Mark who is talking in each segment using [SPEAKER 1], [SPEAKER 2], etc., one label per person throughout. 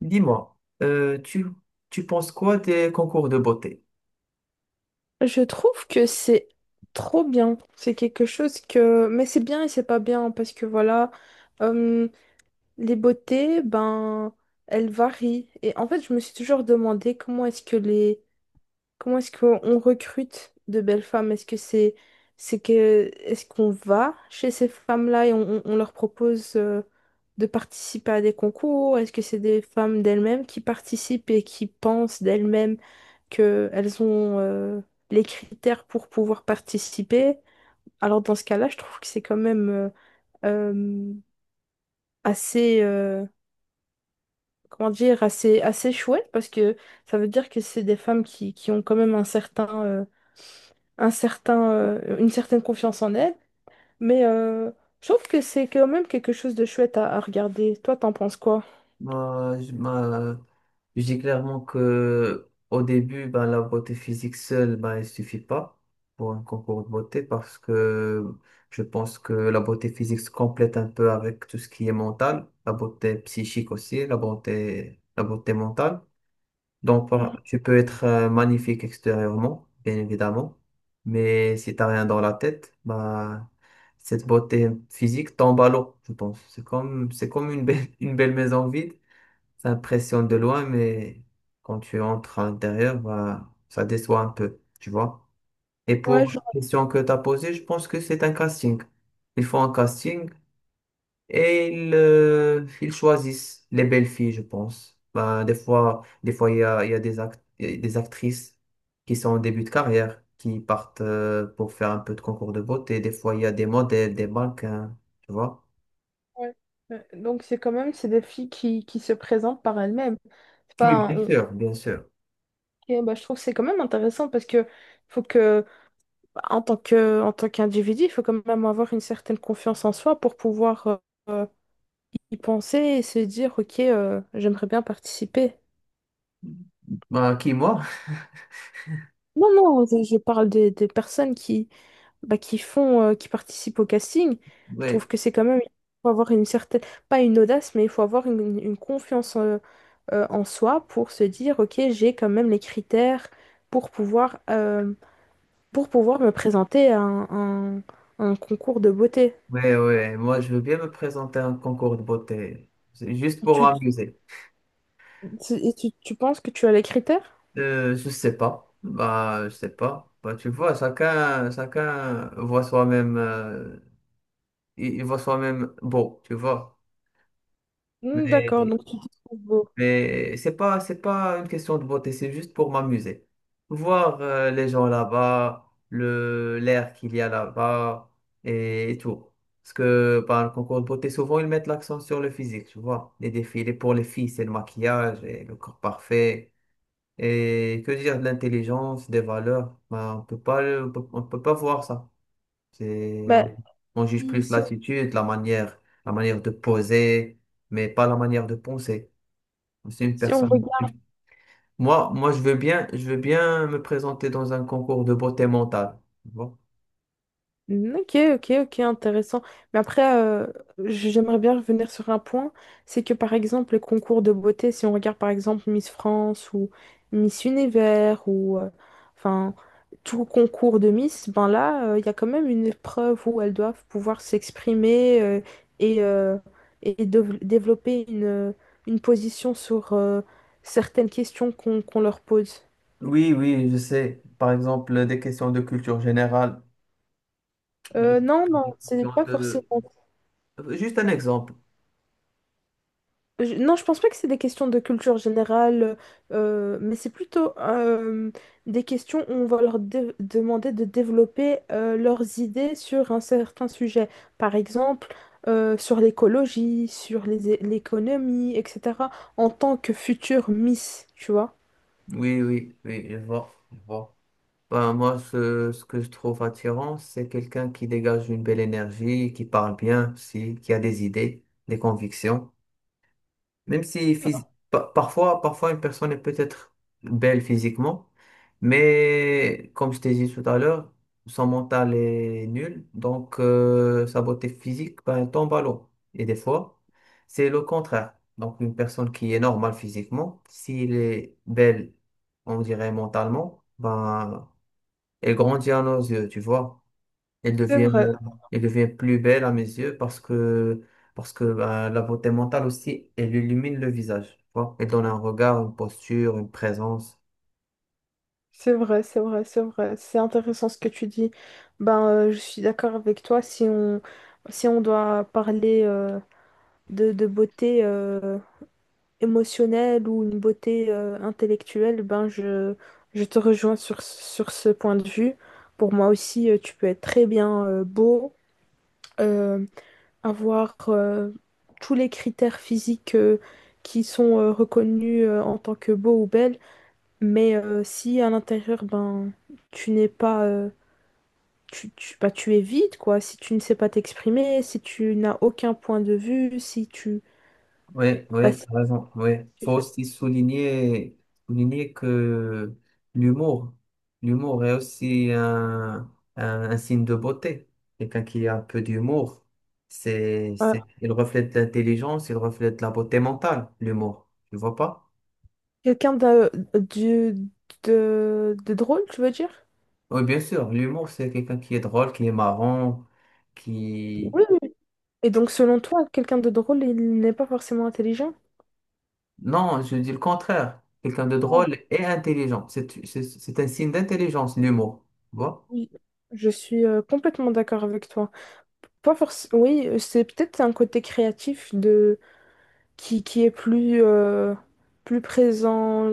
[SPEAKER 1] Dis-moi, euh, tu, tu penses quoi des concours de beauté?
[SPEAKER 2] Je trouve que c'est trop bien. C'est quelque chose que... Mais c'est bien et c'est pas bien parce que voilà, euh, les beautés, ben, elles varient. Et en fait, je me suis toujours demandé comment est-ce qu'on recrute de belles femmes? Est-ce que c'est que Est-ce qu'on va chez ces femmes-là et on leur propose de participer à des concours? Est-ce que c'est des femmes d'elles-mêmes qui participent et qui pensent d'elles-mêmes qu'elles ont les critères pour pouvoir participer? Alors dans ce cas-là, je trouve que c'est quand même euh, assez comment dire, assez chouette, parce que ça veut dire que c'est des femmes qui ont quand même un certain, une certaine confiance en elle. Mais euh, je trouve que c'est quand même quelque chose de chouette à regarder. Toi, t'en penses quoi?
[SPEAKER 1] Moi, je moi, je dis clairement que au début, ben, la beauté physique seule, ben, elle suffit pas pour un concours de beauté parce que je pense que la beauté physique se complète un peu avec tout ce qui est mental, la beauté psychique aussi, la beauté mentale. Donc,
[SPEAKER 2] Mhm.
[SPEAKER 1] tu peux être magnifique extérieurement, bien évidemment, mais si t'as rien dans la tête, bah, cette beauté physique tombe à l'eau, je pense. C'est comme une belle, une belle maison vide. Ça impressionne de loin, mais quand tu entres à l'intérieur, bah, ça déçoit un peu, tu vois. Et
[SPEAKER 2] Ouais,
[SPEAKER 1] pour
[SPEAKER 2] je...
[SPEAKER 1] la question que tu as posée, je pense que c'est un casting. Ils font un casting et ils choisissent les belles filles, je pense. Ben, des fois, il y a il y a des actrices qui sont en début de carrière, qui partent pour faire un peu de concours de beauté. Des fois, il y a des modèles, des mannequins, tu vois.
[SPEAKER 2] ouais. Ouais. Donc c'est quand même c'est des filles qui se présentent par elles-mêmes. C'est pas
[SPEAKER 1] Oui,
[SPEAKER 2] un-
[SPEAKER 1] bien
[SPEAKER 2] on-
[SPEAKER 1] sûr, bien sûr.
[SPEAKER 2] Ok, bah, je trouve que c'est quand même intéressant parce que faut que bah, en tant qu'individu, il faut quand même avoir une certaine confiance en soi pour pouvoir euh, y penser et se dire ok, j'aimerais bien participer.
[SPEAKER 1] Ben, qui, moi?
[SPEAKER 2] Non, non, je parle des personnes bah, qui qui participent au casting. Je trouve
[SPEAKER 1] Oui,
[SPEAKER 2] que c'est quand même, il faut avoir une certaine, pas une audace, mais il faut avoir une confiance en soi pour se dire, ok, j'ai quand même les critères pour pouvoir, euh, pour pouvoir me présenter à un concours de beauté.
[SPEAKER 1] oui, oui. Moi, je veux bien me présenter à un concours de beauté. C'est juste pour
[SPEAKER 2] Tu,
[SPEAKER 1] m'amuser.
[SPEAKER 2] et tu penses que tu as les critères?
[SPEAKER 1] Je sais pas. Bah, je sais pas. Bah, tu vois, chacun voit soi-même. Il voit soi-même beau, tu vois.
[SPEAKER 2] Hmm, d'accord,
[SPEAKER 1] Mais,
[SPEAKER 2] donc tu te trouves beau.
[SPEAKER 1] mais c'est pas une question de beauté, c'est juste pour m'amuser. Voir les gens là-bas, l'air qu'il y a là-bas et tout. Parce que par le concours de beauté, souvent ils mettent l'accent sur le physique, tu vois. Les défilés pour les filles, c'est le maquillage et le corps parfait. Et que dire de l'intelligence, des valeurs, ben, on peut pas, on peut pas voir ça. C'est,
[SPEAKER 2] Bah,
[SPEAKER 1] on, on juge
[SPEAKER 2] si,
[SPEAKER 1] plus
[SPEAKER 2] si on,
[SPEAKER 1] l'attitude, la manière de poser, mais pas la manière de penser. C'est une
[SPEAKER 2] si on
[SPEAKER 1] personne.
[SPEAKER 2] regarde...
[SPEAKER 1] Je veux bien, je veux bien me présenter dans un concours de beauté mentale. Tu vois.
[SPEAKER 2] Ok, ok, ok, intéressant. Mais après, j'aimerais bien revenir sur un point. C'est que par exemple, les concours de beauté, si on regarde par exemple Miss France ou Miss Univers ou enfin tout concours de Miss, ben là, il y a quand même une épreuve où elles doivent pouvoir s'exprimer et, euh, et développer une position sur certaines questions qu'on leur pose.
[SPEAKER 1] Oui, oui, je sais. Par exemple, des questions de culture générale. Oui,
[SPEAKER 2] Non, non,
[SPEAKER 1] des
[SPEAKER 2] c'est
[SPEAKER 1] questions
[SPEAKER 2] pas forcément.
[SPEAKER 1] de... Juste un exemple.
[SPEAKER 2] Non, je pense pas que c'est des questions de culture générale, mais c'est plutôt des questions où on va leur demander de développer leurs idées sur un certain sujet. Par exemple, sur l'écologie, sur l'économie, etc. En tant que future Miss, tu vois.
[SPEAKER 1] Oui, oui, oui, je vois, je vois. Bah, moi, ce que je trouve attirant, c'est quelqu'un qui dégage une belle énergie, qui parle bien aussi, qui a des idées, des convictions. Même si parfois, parfois une personne est peut-être belle physiquement, mais comme je t'ai dit tout à l'heure, son mental est nul, donc sa beauté physique ben, tombe à l'eau. Et des fois, c'est le contraire. Donc une personne qui est normale physiquement, s'il est belle, on dirait mentalement, ben elle grandit à nos yeux, tu vois. Elle
[SPEAKER 2] C'est
[SPEAKER 1] devient,
[SPEAKER 2] vrai,
[SPEAKER 1] elle devient plus belle à mes yeux parce que bah, la beauté mentale aussi, elle illumine le visage, tu vois. Elle donne un regard, une posture, une présence.
[SPEAKER 2] c'est vrai, c'est vrai, c'est vrai. C'est intéressant ce que tu dis. Je suis d'accord avec toi. Si on doit parler de beauté émotionnelle ou une beauté intellectuelle, je te rejoins sur ce point de vue. Pour moi aussi, tu peux être très bien beau, euh, avoir tous les critères physiques qui sont reconnus en tant que beau ou belle, mais si à l'intérieur, ben tu n'es pas... bah, tu es vide, quoi. Si tu ne sais pas t'exprimer, si tu n'as aucun point de vue, si
[SPEAKER 1] Oui, oui,
[SPEAKER 2] bah, si
[SPEAKER 1] vraiment, oui. Faut
[SPEAKER 2] tu-
[SPEAKER 1] aussi souligner, souligner que l'humour, l'humour est aussi un signe de beauté. Quelqu'un qui a un peu d'humour,
[SPEAKER 2] ouais.
[SPEAKER 1] il reflète l'intelligence, il reflète la beauté mentale, l'humour. Tu vois pas?
[SPEAKER 2] Quelqu'un de drôle, tu veux dire?
[SPEAKER 1] Oui, bien sûr, l'humour, c'est quelqu'un qui est drôle, qui est marrant, qui...
[SPEAKER 2] Oui, oui. Et donc, selon toi, quelqu'un de drôle, il n'est pas forcément intelligent?
[SPEAKER 1] Non, je dis le contraire. Quelqu'un de
[SPEAKER 2] Ah,
[SPEAKER 1] drôle et intelligent. C'est un signe d'intelligence, l'humour. Tu vois?
[SPEAKER 2] oui, je suis complètement d'accord avec toi. Pas forcément. Oui, c'est peut-être un côté créatif de qui est plus, plus présent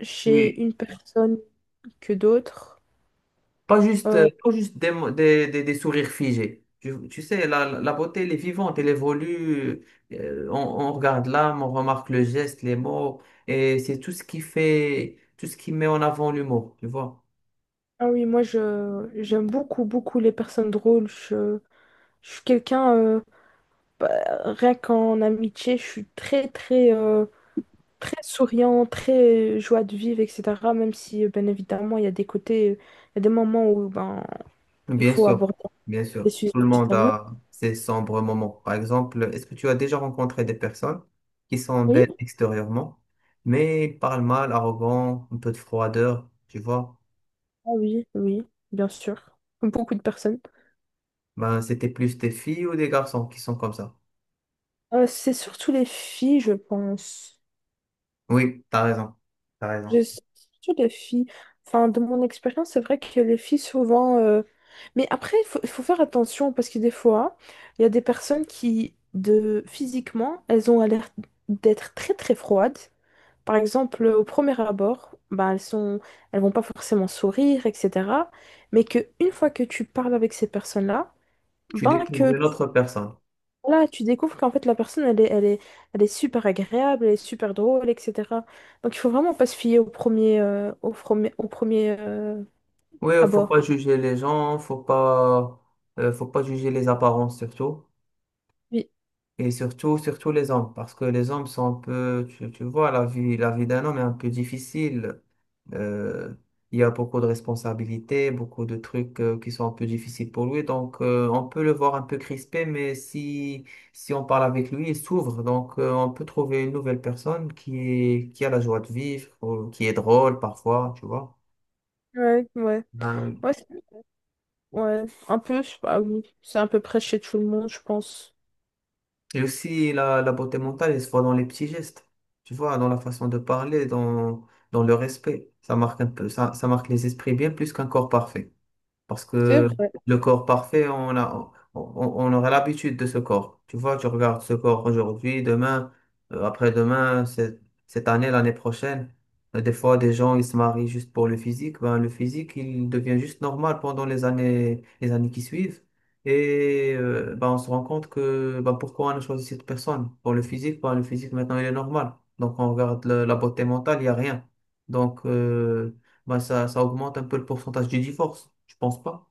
[SPEAKER 2] chez
[SPEAKER 1] Oui.
[SPEAKER 2] une personne que d'autres.
[SPEAKER 1] Pas juste,
[SPEAKER 2] Euh,
[SPEAKER 1] pas juste des, mo- des sourires figés. Tu sais, la beauté, elle est vivante, elle évolue. On regarde l'âme, on remarque le geste, les mots. Et c'est tout ce qui fait, tout ce qui met en avant l'humour. Tu vois?
[SPEAKER 2] ah oui, moi je j'aime beaucoup les personnes drôles. Je suis quelqu'un. Bah, rien qu'en amitié, je suis très souriant, très joie de vivre, etc. Même si, bien évidemment, il y a des côtés, il y a des moments où ben, il
[SPEAKER 1] Bien
[SPEAKER 2] faut
[SPEAKER 1] sûr,
[SPEAKER 2] aborder
[SPEAKER 1] bien
[SPEAKER 2] des
[SPEAKER 1] sûr.
[SPEAKER 2] sujets
[SPEAKER 1] Tout le monde
[SPEAKER 2] sérieux.
[SPEAKER 1] a ses sombres moments. Par exemple, est-ce que tu as déjà rencontré des personnes qui sont
[SPEAKER 2] Oui,
[SPEAKER 1] belles extérieurement, mais ils parlent mal, arrogants, un peu de froideur, tu vois?
[SPEAKER 2] ah oui, oui, bien sûr. Comme beaucoup de personnes.
[SPEAKER 1] Ben, c'était plus des filles ou des garçons qui sont comme ça.
[SPEAKER 2] C'est surtout les filles, je pense.
[SPEAKER 1] Oui, t'as raison, t'as raison.
[SPEAKER 2] Je sais, surtout les filles. Enfin, de mon expérience, c'est vrai que les filles, souvent. Mais après, il faut faire attention, parce que des fois, il y a des personnes qui physiquement, elles ont l'air d'être très très froides. Par exemple, au premier abord, ben, elles sont... elles vont pas forcément sourire, etc. Mais que une fois que tu parles avec ces personnes-là,
[SPEAKER 1] Tu
[SPEAKER 2] ben,
[SPEAKER 1] découvres
[SPEAKER 2] que tu
[SPEAKER 1] une autre personne.
[SPEAKER 2] là, tu découvres qu'en fait, la personne, elle est super agréable, elle est super drôle, etc. Donc, il faut vraiment pas se fier au au premier
[SPEAKER 1] Oui, faut pas
[SPEAKER 2] abord.
[SPEAKER 1] juger les gens, faut pas juger les apparences surtout.
[SPEAKER 2] Oui,
[SPEAKER 1] Et surtout, surtout les hommes, parce que les hommes sont un peu, tu vois, la vie d'un homme est un peu difficile. Euh, il y a beaucoup de responsabilités, beaucoup de trucs qui sont un peu difficiles pour lui. Donc, on peut le voir un peu crispé, mais si on parle avec lui, il s'ouvre. Donc, on peut trouver une nouvelle personne qui est, qui a la joie de vivre, ou qui est drôle parfois, tu vois.
[SPEAKER 2] ouais, ouais.
[SPEAKER 1] Euh,
[SPEAKER 2] Ouais, c'est- ouais. un peu, je sais pas, oui. C'est à peu près chez tout le monde, je pense.
[SPEAKER 1] et aussi, la beauté mentale, elle se voit dans les petits gestes, tu vois, dans la façon de parler, dans, dans le respect. Ça marque un peu, ça marque les esprits bien plus qu'un corps parfait. Parce
[SPEAKER 2] C'est
[SPEAKER 1] que
[SPEAKER 2] vrai.
[SPEAKER 1] le corps parfait, on aura l'habitude de ce corps. Tu vois, tu regardes ce corps aujourd'hui, demain, après-demain, cette année, l'année prochaine. Des fois, des gens, ils se marient juste pour le physique. Ben, le physique, il devient juste normal pendant les années qui suivent. Et ben, on se rend compte que ben, pourquoi on a choisi cette personne? Pour le physique, ben, le physique, maintenant, il est normal. Donc, on regarde la beauté mentale, il n'y a rien. Donc, bah, ça augmente un peu le pourcentage du divorce, je pense pas.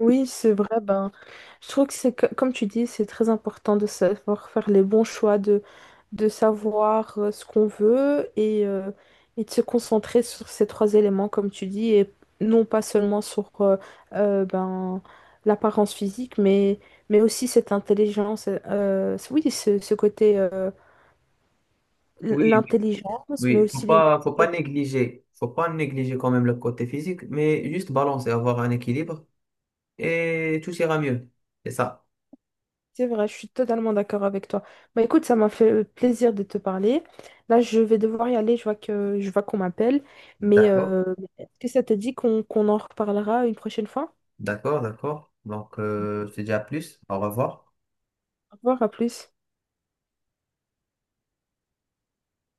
[SPEAKER 2] Oui, c'est vrai. Ben, je trouve que comme tu dis, c'est très important de savoir faire les bons choix, de savoir ce qu'on veut, et de se concentrer sur ces trois éléments, comme tu dis, et non pas seulement sur ben, l'apparence physique, mais aussi cette intelligence. Oui, ce côté,
[SPEAKER 1] Oui, oui.
[SPEAKER 2] l'intelligence, mais
[SPEAKER 1] Oui,
[SPEAKER 2] aussi les mots.
[SPEAKER 1] faut pas négliger quand même le côté physique, mais juste balancer, avoir un équilibre et tout ira mieux. C'est ça.
[SPEAKER 2] C'est vrai, je suis totalement d'accord avec toi. Bah écoute, ça m'a fait plaisir de te parler. Là, je vais devoir y aller, je vois qu'on m'appelle. Mais
[SPEAKER 1] D'accord,
[SPEAKER 2] euh, est-ce que ça te dit qu'on en reparlera une prochaine fois?
[SPEAKER 1] d'accord, d'accord. Donc, je te dis à plus. Au revoir.
[SPEAKER 2] Au revoir, à plus.